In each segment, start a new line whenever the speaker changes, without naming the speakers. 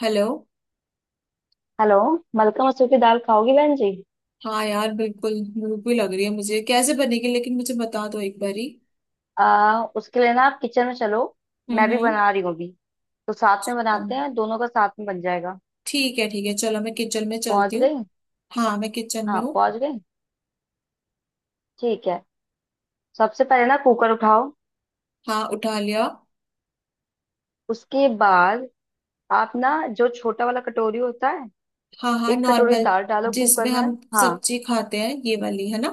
Hello.
Hello. मलका मसूर की दाल खाओगी बहन जी?
हाँ, यार बिल्कुल भूख भी लग रही है। मुझे कैसे बनेगी लेकिन मुझे बता दो एक बारी।
उसके लिए ना आप किचन में चलो।
हम्म।
मैं भी
हम्म।
बना रही हूँ अभी, तो साथ में
अम,
बनाते हैं, दोनों का साथ में बन जाएगा।
ठीक है, ठीक है, चलो मैं किचन में चलती
पहुंच
हूँ।
गई?
हाँ, मैं किचन
हाँ,
में हूँ।
पहुंच गई। ठीक है। सबसे पहले ना कुकर उठाओ।
हाँ, उठा लिया।
उसके बाद आप ना जो छोटा वाला कटोरी होता है,
हाँ, हाँ,
एक कटोरी
नॉर्मल।
दाल डालो
जिसमें
कुकर में।
हम
हाँ,
सब्जी खाते हैं, ये वाली है ना।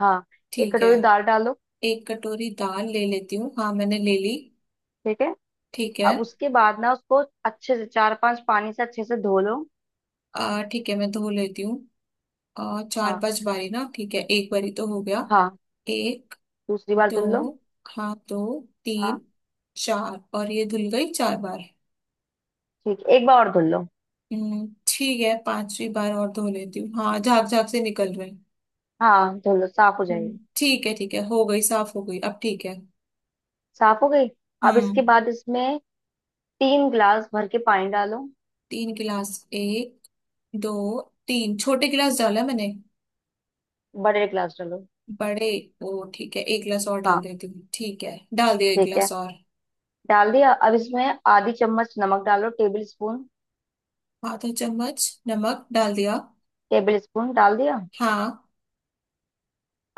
हाँ। एक
ठीक है,
कटोरी दाल डालो।
एक कटोरी दाल ले लेती हूँ। हाँ, मैंने ले ली।
ठीक है।
ठीक है।
अब उसके बाद ना उसको अच्छे से चार पांच पानी से अच्छे से धो लो।
आ ठीक है, मैं धो लेती हूँ। चार
हाँ,
पांच बारी ना। ठीक है, एक बारी तो हो गया।
हाँ।
एक।
दूसरी बार धुल लो।
दो। हाँ, दो। तीन।
हाँ।
चार, और ये धुल गई चार बार।
ठीक, एक बार और धुल लो।
हम्म, ठीक है, पांचवी बार और धो लेती हूँ। हाँ, झाग झाग से निकल रहे हैं।
हाँ, धुल लो, साफ हो जाएगी।
ठीक है, ठीक है, हो गई, साफ हो गई अब, ठीक है।
साफ हो गई। अब
हम्म।
इसके बाद इसमें 3 गिलास भर के पानी डालो।
तीन गिलास। एक। दो। तीन छोटे गिलास डाला मैंने।
बड़े गिलास डालो।
बड़े। ओ, ठीक है, एक गिलास और डाल
हाँ,
देती हूँ। ठीक है, डाल दिया एक
ठीक
गिलास
है,
और।
डाल दिया। अब इसमें आधी चम्मच नमक डालो, टेबल स्पून।
आधा चम्मच नमक डाल दिया।
टेबल स्पून डाल दिया।
हाँ।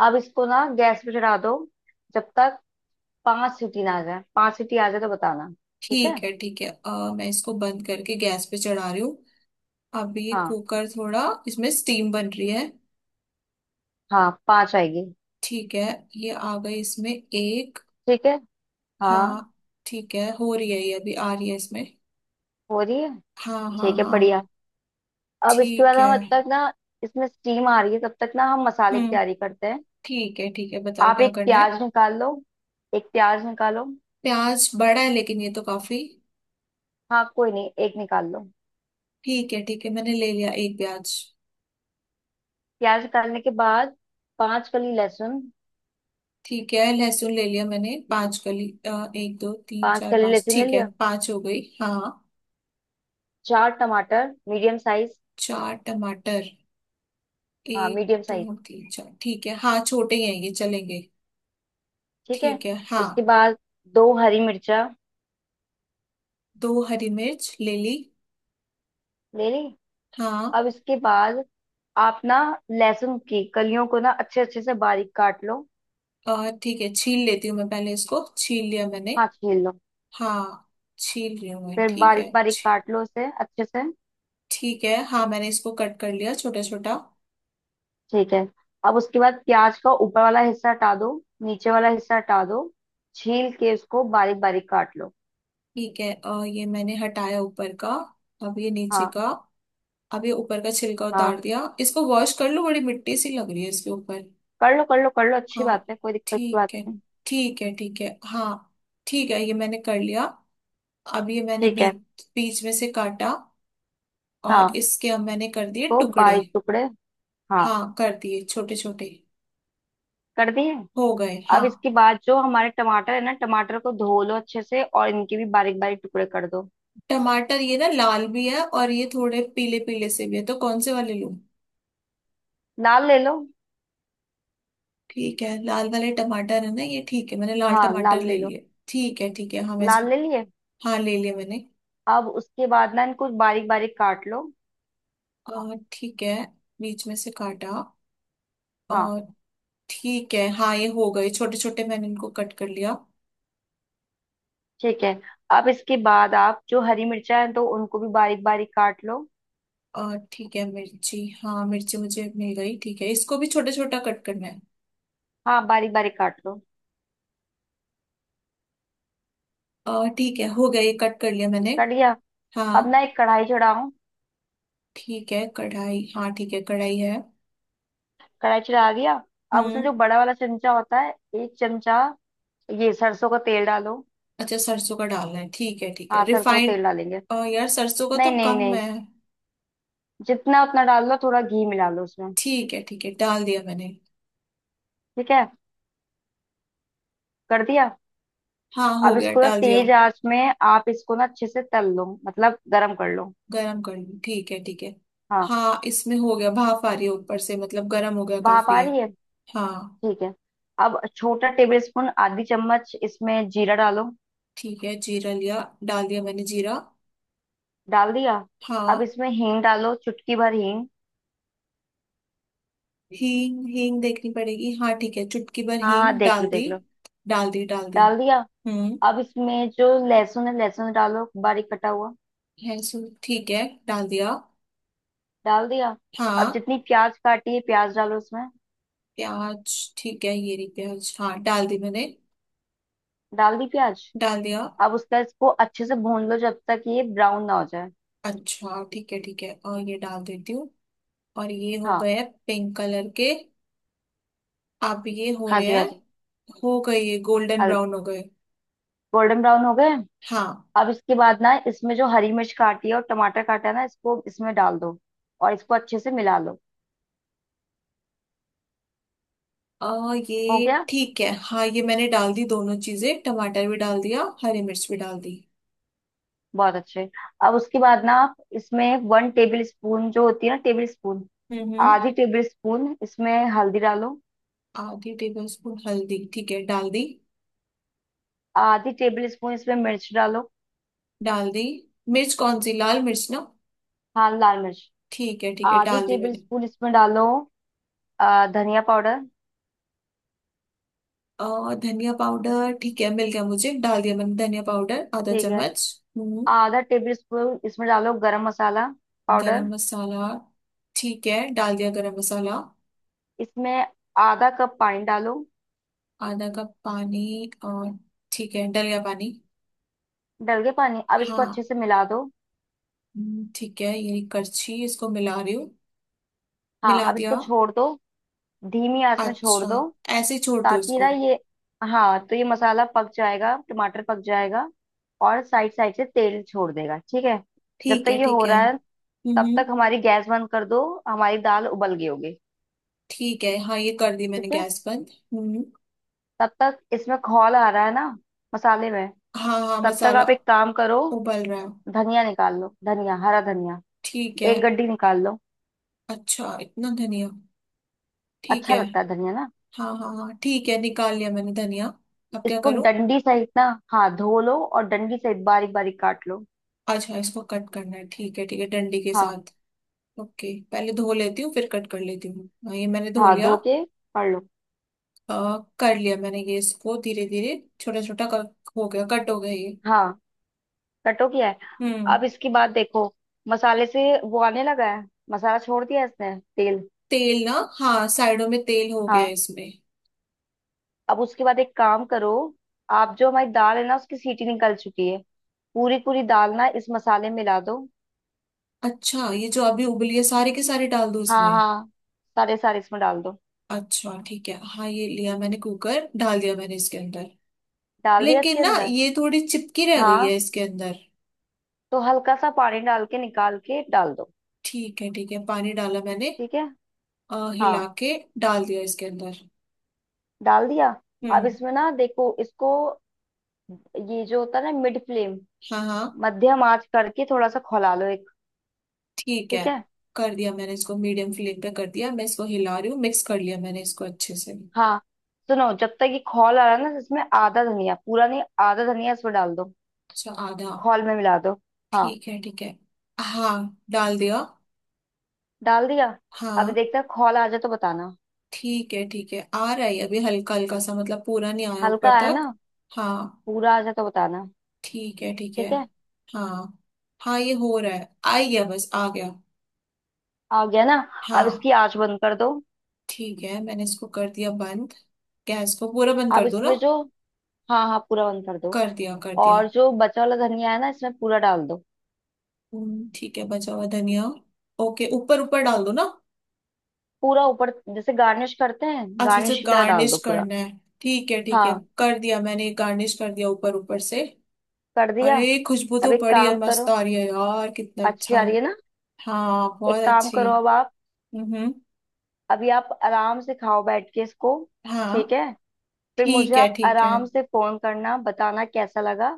अब इसको ना गैस पे चढ़ा दो। जब तक पांच सीटी ना आ जाए, पांच सीटी आ जाए तो बताना। ठीक है।
ठीक है, ठीक है, मैं इसको बंद करके गैस पे चढ़ा रही हूँ। अभी
हाँ,
कुकर थोड़ा, इसमें स्टीम बन रही है।
हाँ, पांच आएगी।
ठीक है। ये आ गई, इसमें एक।
ठीक है। हाँ,
हाँ। ठीक है, हो रही है ये, अभी आ रही है इसमें।
हो रही है।
हाँ, हाँ,
ठीक है,
हाँ।
बढ़िया। अब इसके बाद
ठीक है।
हम अब तक ना, इसमें स्टीम आ रही है तब तक ना हम मसाले की
हम्म।
तैयारी करते हैं।
ठीक है, ठीक है, बताओ
आप
क्या
एक
करना है।
प्याज निकाल लो। एक प्याज निकालो।
प्याज बड़ा है लेकिन ये तो काफी।
हाँ, कोई नहीं, एक निकाल लो।
ठीक है, ठीक है, मैंने ले लिया एक प्याज।
प्याज निकालने के बाद पांच कली लहसुन।
ठीक है, लहसुन ले लिया मैंने पांच कली। एक, दो, तीन,
पांच
चार,
कली
पांच।
लहसुन ले
ठीक है,
लिया।
पांच हो गई। हाँ।
चार टमाटर, मीडियम साइज।
चार टमाटर।
हाँ,
एक।
Medium size.
दो, तीन, चार। ठीक है, हाँ छोटे ही हैं ये, चलेंगे।
ठीक है।
ठीक है, हाँ।
उसके बाद दो हरी मिर्चा।
दो हरी मिर्च ले ली।
ले ली।
हाँ।
अब इसके बाद आप ना लहसुन की कलियों को ना अच्छे अच्छे से बारीक काट लो।
ठीक है, छील लेती हूँ मैं पहले इसको, छील लिया मैंने।
हाँ, छील लो।
हाँ। छील रही हूँ मैं,
फिर
ठीक है,
बारीक बारीक काट लो इसे अच्छे से।
ठीक है, हाँ मैंने इसको कट कर लिया छोटा छोटा।
ठीक है। अब उसके बाद प्याज का ऊपर वाला हिस्सा हटा दो, नीचे वाला हिस्सा हटा दो, छील के उसको बारीक बारीक काट लो।
ठीक है, ये मैंने हटाया ऊपर का। अब ये नीचे
हाँ,
का। अब ये ऊपर का छिलका
हाँ,
उतार दिया। इसको वॉश कर लो, बड़ी मिट्टी सी लग रही है इसके ऊपर।
कर लो, कर लो, कर लो, अच्छी
हाँ।
बात है, कोई दिक्कत की बात
ठीक है।
नहीं।
ठीक है, ठीक है, हाँ। ठीक है, ये मैंने कर लिया। अब ये मैंने
ठीक है।
बीच बीच में से काटा। और
हाँ,
इसके अब मैंने कर दिए
उसको
टुकड़े।
बारीक टुकड़े, हाँ,
हाँ, कर दिए छोटे छोटे।
कर दिए।
हो गए,
अब
हाँ।
इसके बाद जो हमारे टमाटर है ना, टमाटर को धो लो अच्छे से, और इनके भी बारीक बारीक टुकड़े कर दो।
टमाटर ये ना लाल भी है और ये थोड़े पीले पीले से भी है, तो कौन से वाले लूं।
लाल ले लो।
ठीक है, लाल वाले टमाटर है ना ये। ठीक है, मैंने लाल
हाँ,
टमाटर
लाल ले
ले
लो।
लिए। ठीक है, ठीक है, हाँ मैं इसको,
लाल ले लिए।
हाँ ले लिया मैंने।
अब उसके बाद ना इनको बारीक बारीक काट लो।
और ठीक है, बीच में से काटा।
हाँ।
और ठीक है, हाँ ये हो गए छोटे छोटे, मैंने इनको कट कर लिया।
ठीक है। अब इसके बाद आप जो हरी मिर्चा है तो उनको भी बारीक बारीक काट लो।
और ठीक है, मिर्ची, हाँ मिर्ची मुझे मिल गई। ठीक है, इसको भी छोटा छोटा कट करना है।
हाँ, बारीक बारीक काट लो।
और ठीक है, हो गया, ये कट कर लिया मैंने।
काट लिया।
हाँ।
अब ना एक कढ़ाई चढ़ाओ।
ठीक है, कढ़ाई, हाँ ठीक है, कढ़ाई है।
कढ़ाई चढ़ा दिया। अब उसमें
हम्म।
जो बड़ा वाला चमचा होता है, 1 चमचा ये सरसों का तेल डालो।
अच्छा, सरसों का डालना है, ठीक है, ठीक है,
हाँ, सरसों का
रिफाइंड।
तेल डालेंगे।
यार सरसों का
नहीं,
तो
नहीं,
कम
नहीं,
है।
जितना उतना डाल लो, थोड़ा घी मिला लो उसमें।
ठीक है, ठीक है, डाल दिया मैंने।
ठीक है। कर दिया।
हाँ, हो
अब
गया,
इसको ना
डाल दिया।
तेज आंच में आप इसको ना अच्छे से तल लो, मतलब गरम कर लो।
गरम कर ली, ठीक है, ठीक है।
हाँ,
हाँ, इसमें हो गया, भाप आ रही है ऊपर से, मतलब गरम हो गया,
भाप
काफी
आ
है।
रही है।
हाँ।
ठीक है। अब छोटा टेबल स्पून, आधी चम्मच इसमें जीरा डालो।
ठीक है, जीरा लिया, डाल दिया मैंने जीरा।
डाल दिया। अब
हाँ।
इसमें हींग डालो, चुटकी भर हींग।
हींग, हींग देखनी पड़ेगी। हाँ, ठीक है, चुटकी भर
हाँ, हाँ,
हींग
देख
डाल
लो,
दी।
देख लो।
डाल दी, डाल दी।
डाल दिया।
हम्म।
अब इसमें जो लहसुन है लहसुन डालो, बारीक कटा हुआ।
है सो ठीक है, डाल दिया।
डाल दिया। अब
हाँ।
जितनी प्याज काटी है प्याज डालो इसमें।
प्याज, ठीक है ये रही प्याज। हाँ, डाल दी मैंने।
डाल दी प्याज।
डाल दिया।
अब उसका इसको अच्छे से भून लो जब तक ये ब्राउन ना हो जाए।
अच्छा, ठीक है, ठीक है, और ये डाल देती हूँ। और ये हो
हाँ
गए पिंक कलर के। अब ये हो
हाँ
रहे
जी, हाँ
हैं।
जी।
हो गए, ये गोल्डन
हल
ब्राउन हो गए।
गोल्डन ब्राउन हो गए।
हाँ।
अब इसके बाद ना इसमें जो हरी मिर्च काटी है और टमाटर काटा है ना, इसको इसमें डाल दो, और इसको अच्छे से मिला लो।
और
हो
ये
गया,
ठीक है, हाँ ये मैंने डाल दी दोनों चीजें, टमाटर भी डाल दिया, हरी मिर्च भी डाल दी।
बहुत अच्छे। अब उसके बाद ना आप इसमें 1 टेबल स्पून जो होती है ना टेबल स्पून,
हम्म।
आधी टेबल स्पून इसमें हल्दी डालो।
आधी टेबल स्पून हल्दी, ठीक है, डाल दी।
आधी टेबल स्पून इसमें मिर्च डालो।
डाल दी। मिर्च कौन सी, लाल मिर्च ना।
हाँ, लाल मिर्च।
ठीक है, ठीक है,
आधी
डाल दी
टेबल
मैंने।
स्पून इसमें डालो धनिया पाउडर।
और धनिया पाउडर, ठीक है, मिल गया मुझे, डाल दिया मैंने धनिया पाउडर आधा
ठीक है।
चम्मच। हम्म।
आधा टेबल स्पून इसमें डालो गरम मसाला पाउडर।
गरम मसाला, ठीक है, डाल दिया गरम मसाला।
इसमें आधा कप पानी डालो।
आधा कप पानी और, ठीक है, डल गया पानी।
डल गया पानी। अब इसको
हाँ।
अच्छे से मिला दो।
ठीक है, ये करछी इसको मिला रही हूँ।
हाँ।
मिला
अब
दिया।
इसको छोड़ दो, धीमी आंच में छोड़
अच्छा।
दो,
ऐसे ही छोड़ दो
ताकि
इसको।
ना ये, हाँ, तो ये मसाला पक जाएगा, टमाटर पक जाएगा, और साइड साइड से तेल छोड़ देगा। ठीक है। जब
ठीक
तक
है,
ये
ठीक
हो
है।
रहा है तब
हम्म।
तक हमारी गैस बंद कर दो, हमारी दाल उबल गई होगी।
ठीक है, हाँ ये कर दी मैंने
ठीक है।
गैस बंद। हम्म।
तब तक इसमें खौल आ रहा है ना, मसाले में।
हाँ, हाँ,
तब तक
मसाला
आप एक काम करो,
उबल रहा है।
धनिया निकाल लो, धनिया, हरा धनिया,
ठीक है।
एक गड्डी निकाल लो।
अच्छा इतना धनिया। ठीक
अच्छा
है।
लगता है धनिया ना।
हाँ, हाँ, हाँ। ठीक है, निकाल लिया मैंने धनिया। अब क्या
इसको
करूँ।
डंडी सहित ना, हाँ, धो लो और डंडी सहित बारीक बारीक काट लो।
अच्छा, इसको कट करना है, ठीक है, ठीक है, डंडी के
हाँ,
साथ। ओके, पहले धो लेती हूँ, फिर कट कर लेती हूँ। हाँ, ये मैंने धो
हाँ,
लिया।
धो के पढ़ लो।
कर लिया मैंने ये, इसको धीरे धीरे छोटा छोटा कर। हो गया, कट हो गया ये।
हाँ, कटो किया है।
हम्म।
अब इसके बाद देखो, मसाले से वो आने लगा है, मसाला छोड़ दिया इसने तेल।
तेल ना। हाँ, साइडों में तेल हो गया
हाँ।
इसमें।
अब उसके बाद एक काम करो, आप जो हमारी दाल है ना उसकी सीटी निकल चुकी है, पूरी पूरी दाल ना इस मसाले में मिला दो।
अच्छा, ये जो अभी उबली है सारे के सारे डाल दूँ
हाँ,
इसमें।
हाँ, सारे सारे इसमें डाल दो।
अच्छा, ठीक है, हाँ ये लिया मैंने कुकर, डाल दिया मैंने इसके अंदर।
डाल दिया
लेकिन
इसके
ना
अंदर।
ये थोड़ी चिपकी रह गई
हाँ,
है इसके अंदर।
तो हल्का सा पानी डाल के निकाल के डाल दो।
ठीक है, ठीक है, पानी डाला मैंने।
ठीक है। हाँ,
हिला के डाल दिया इसके अंदर।
डाल दिया। अब
हम्म।
इसमें ना देखो इसको, ये जो होता है ना मिड फ्लेम,
हाँ, हाँ।
मध्यम आंच करके थोड़ा सा खौला लो एक।
ठीक है,
ठीक है।
कर दिया मैंने इसको मीडियम फ्लेम पे, कर दिया, मैं इसको हिला रही हूँ, मिक्स कर लिया मैंने इसको अच्छे से।
हाँ, सुनो, जब तक ये खौल आ रहा है ना, इसमें आधा धनिया, पूरा नहीं, आधा धनिया इसमें डाल दो,
अच्छा, आधा।
खौल में मिला दो। हाँ।
ठीक है, ठीक है। हाँ। डाल दिया।
डाल दिया। अभी
हाँ।
देखते हैं, खौल आ जाए तो बताना।
ठीक है, ठीक है, आ रहा है अभी हल्का हल्का सा, मतलब पूरा नहीं आया
हल्का
ऊपर
आया
तक।
ना,
हाँ।
पूरा आ जाए तो बताना।
ठीक है, ठीक है।
ठीक है।
हाँ। हाँ, ये हो रहा है, आ गया, बस आ गया।
आ गया ना। अब इसकी
हाँ।
आंच बंद कर दो,
ठीक है, मैंने इसको कर दिया बंद। गैस को पूरा बंद
अब
कर दो ना।
इसमें जो, हाँ, हाँ, पूरा बंद कर दो
कर दिया, कर दिया।
और जो बचा वाला धनिया है ना इसमें पूरा डाल दो,
ठीक है, बचा हुआ धनिया। ओके, ऊपर ऊपर डाल दो ना।
पूरा ऊपर, जैसे गार्निश करते हैं,
अच्छा, अच्छा,
गार्निश की तरह डाल
गार्निश
दो पूरा।
करना है। ठीक है, ठीक है।
हाँ,
कर दिया मैंने, गार्निश कर दिया ऊपर ऊपर से।
कर दिया।
अरे, खुशबू
अब
तो
एक
बड़ी है,
काम करो,
मस्त आ रही है यार, कितना
अच्छी
अच्छा।
आ रही है ना,
हाँ,
एक
बहुत
काम
अच्छी।
करो अब आप,
हम्म।
अभी आप आराम से खाओ बैठ के इसको। ठीक
हाँ।
है। फिर मुझे
ठीक है।
आप
ठीक है।
आराम से फोन करना, बताना कैसा लगा।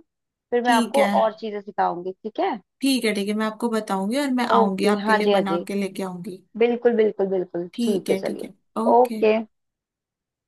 फिर मैं
ठीक
आपको
है।
और चीजें सिखाऊंगी, ठीक है?
ठीक है। ठीक है, मैं आपको बताऊंगी, और मैं आऊंगी
ओके,
आपके
हाँ
लिए
जी, हाँ
बना
जी,
के लेके आऊंगी।
बिल्कुल बिल्कुल बिल्कुल,
ठीक
ठीक है,
है, ठीक
चलिए।
है। ओके।
ओके।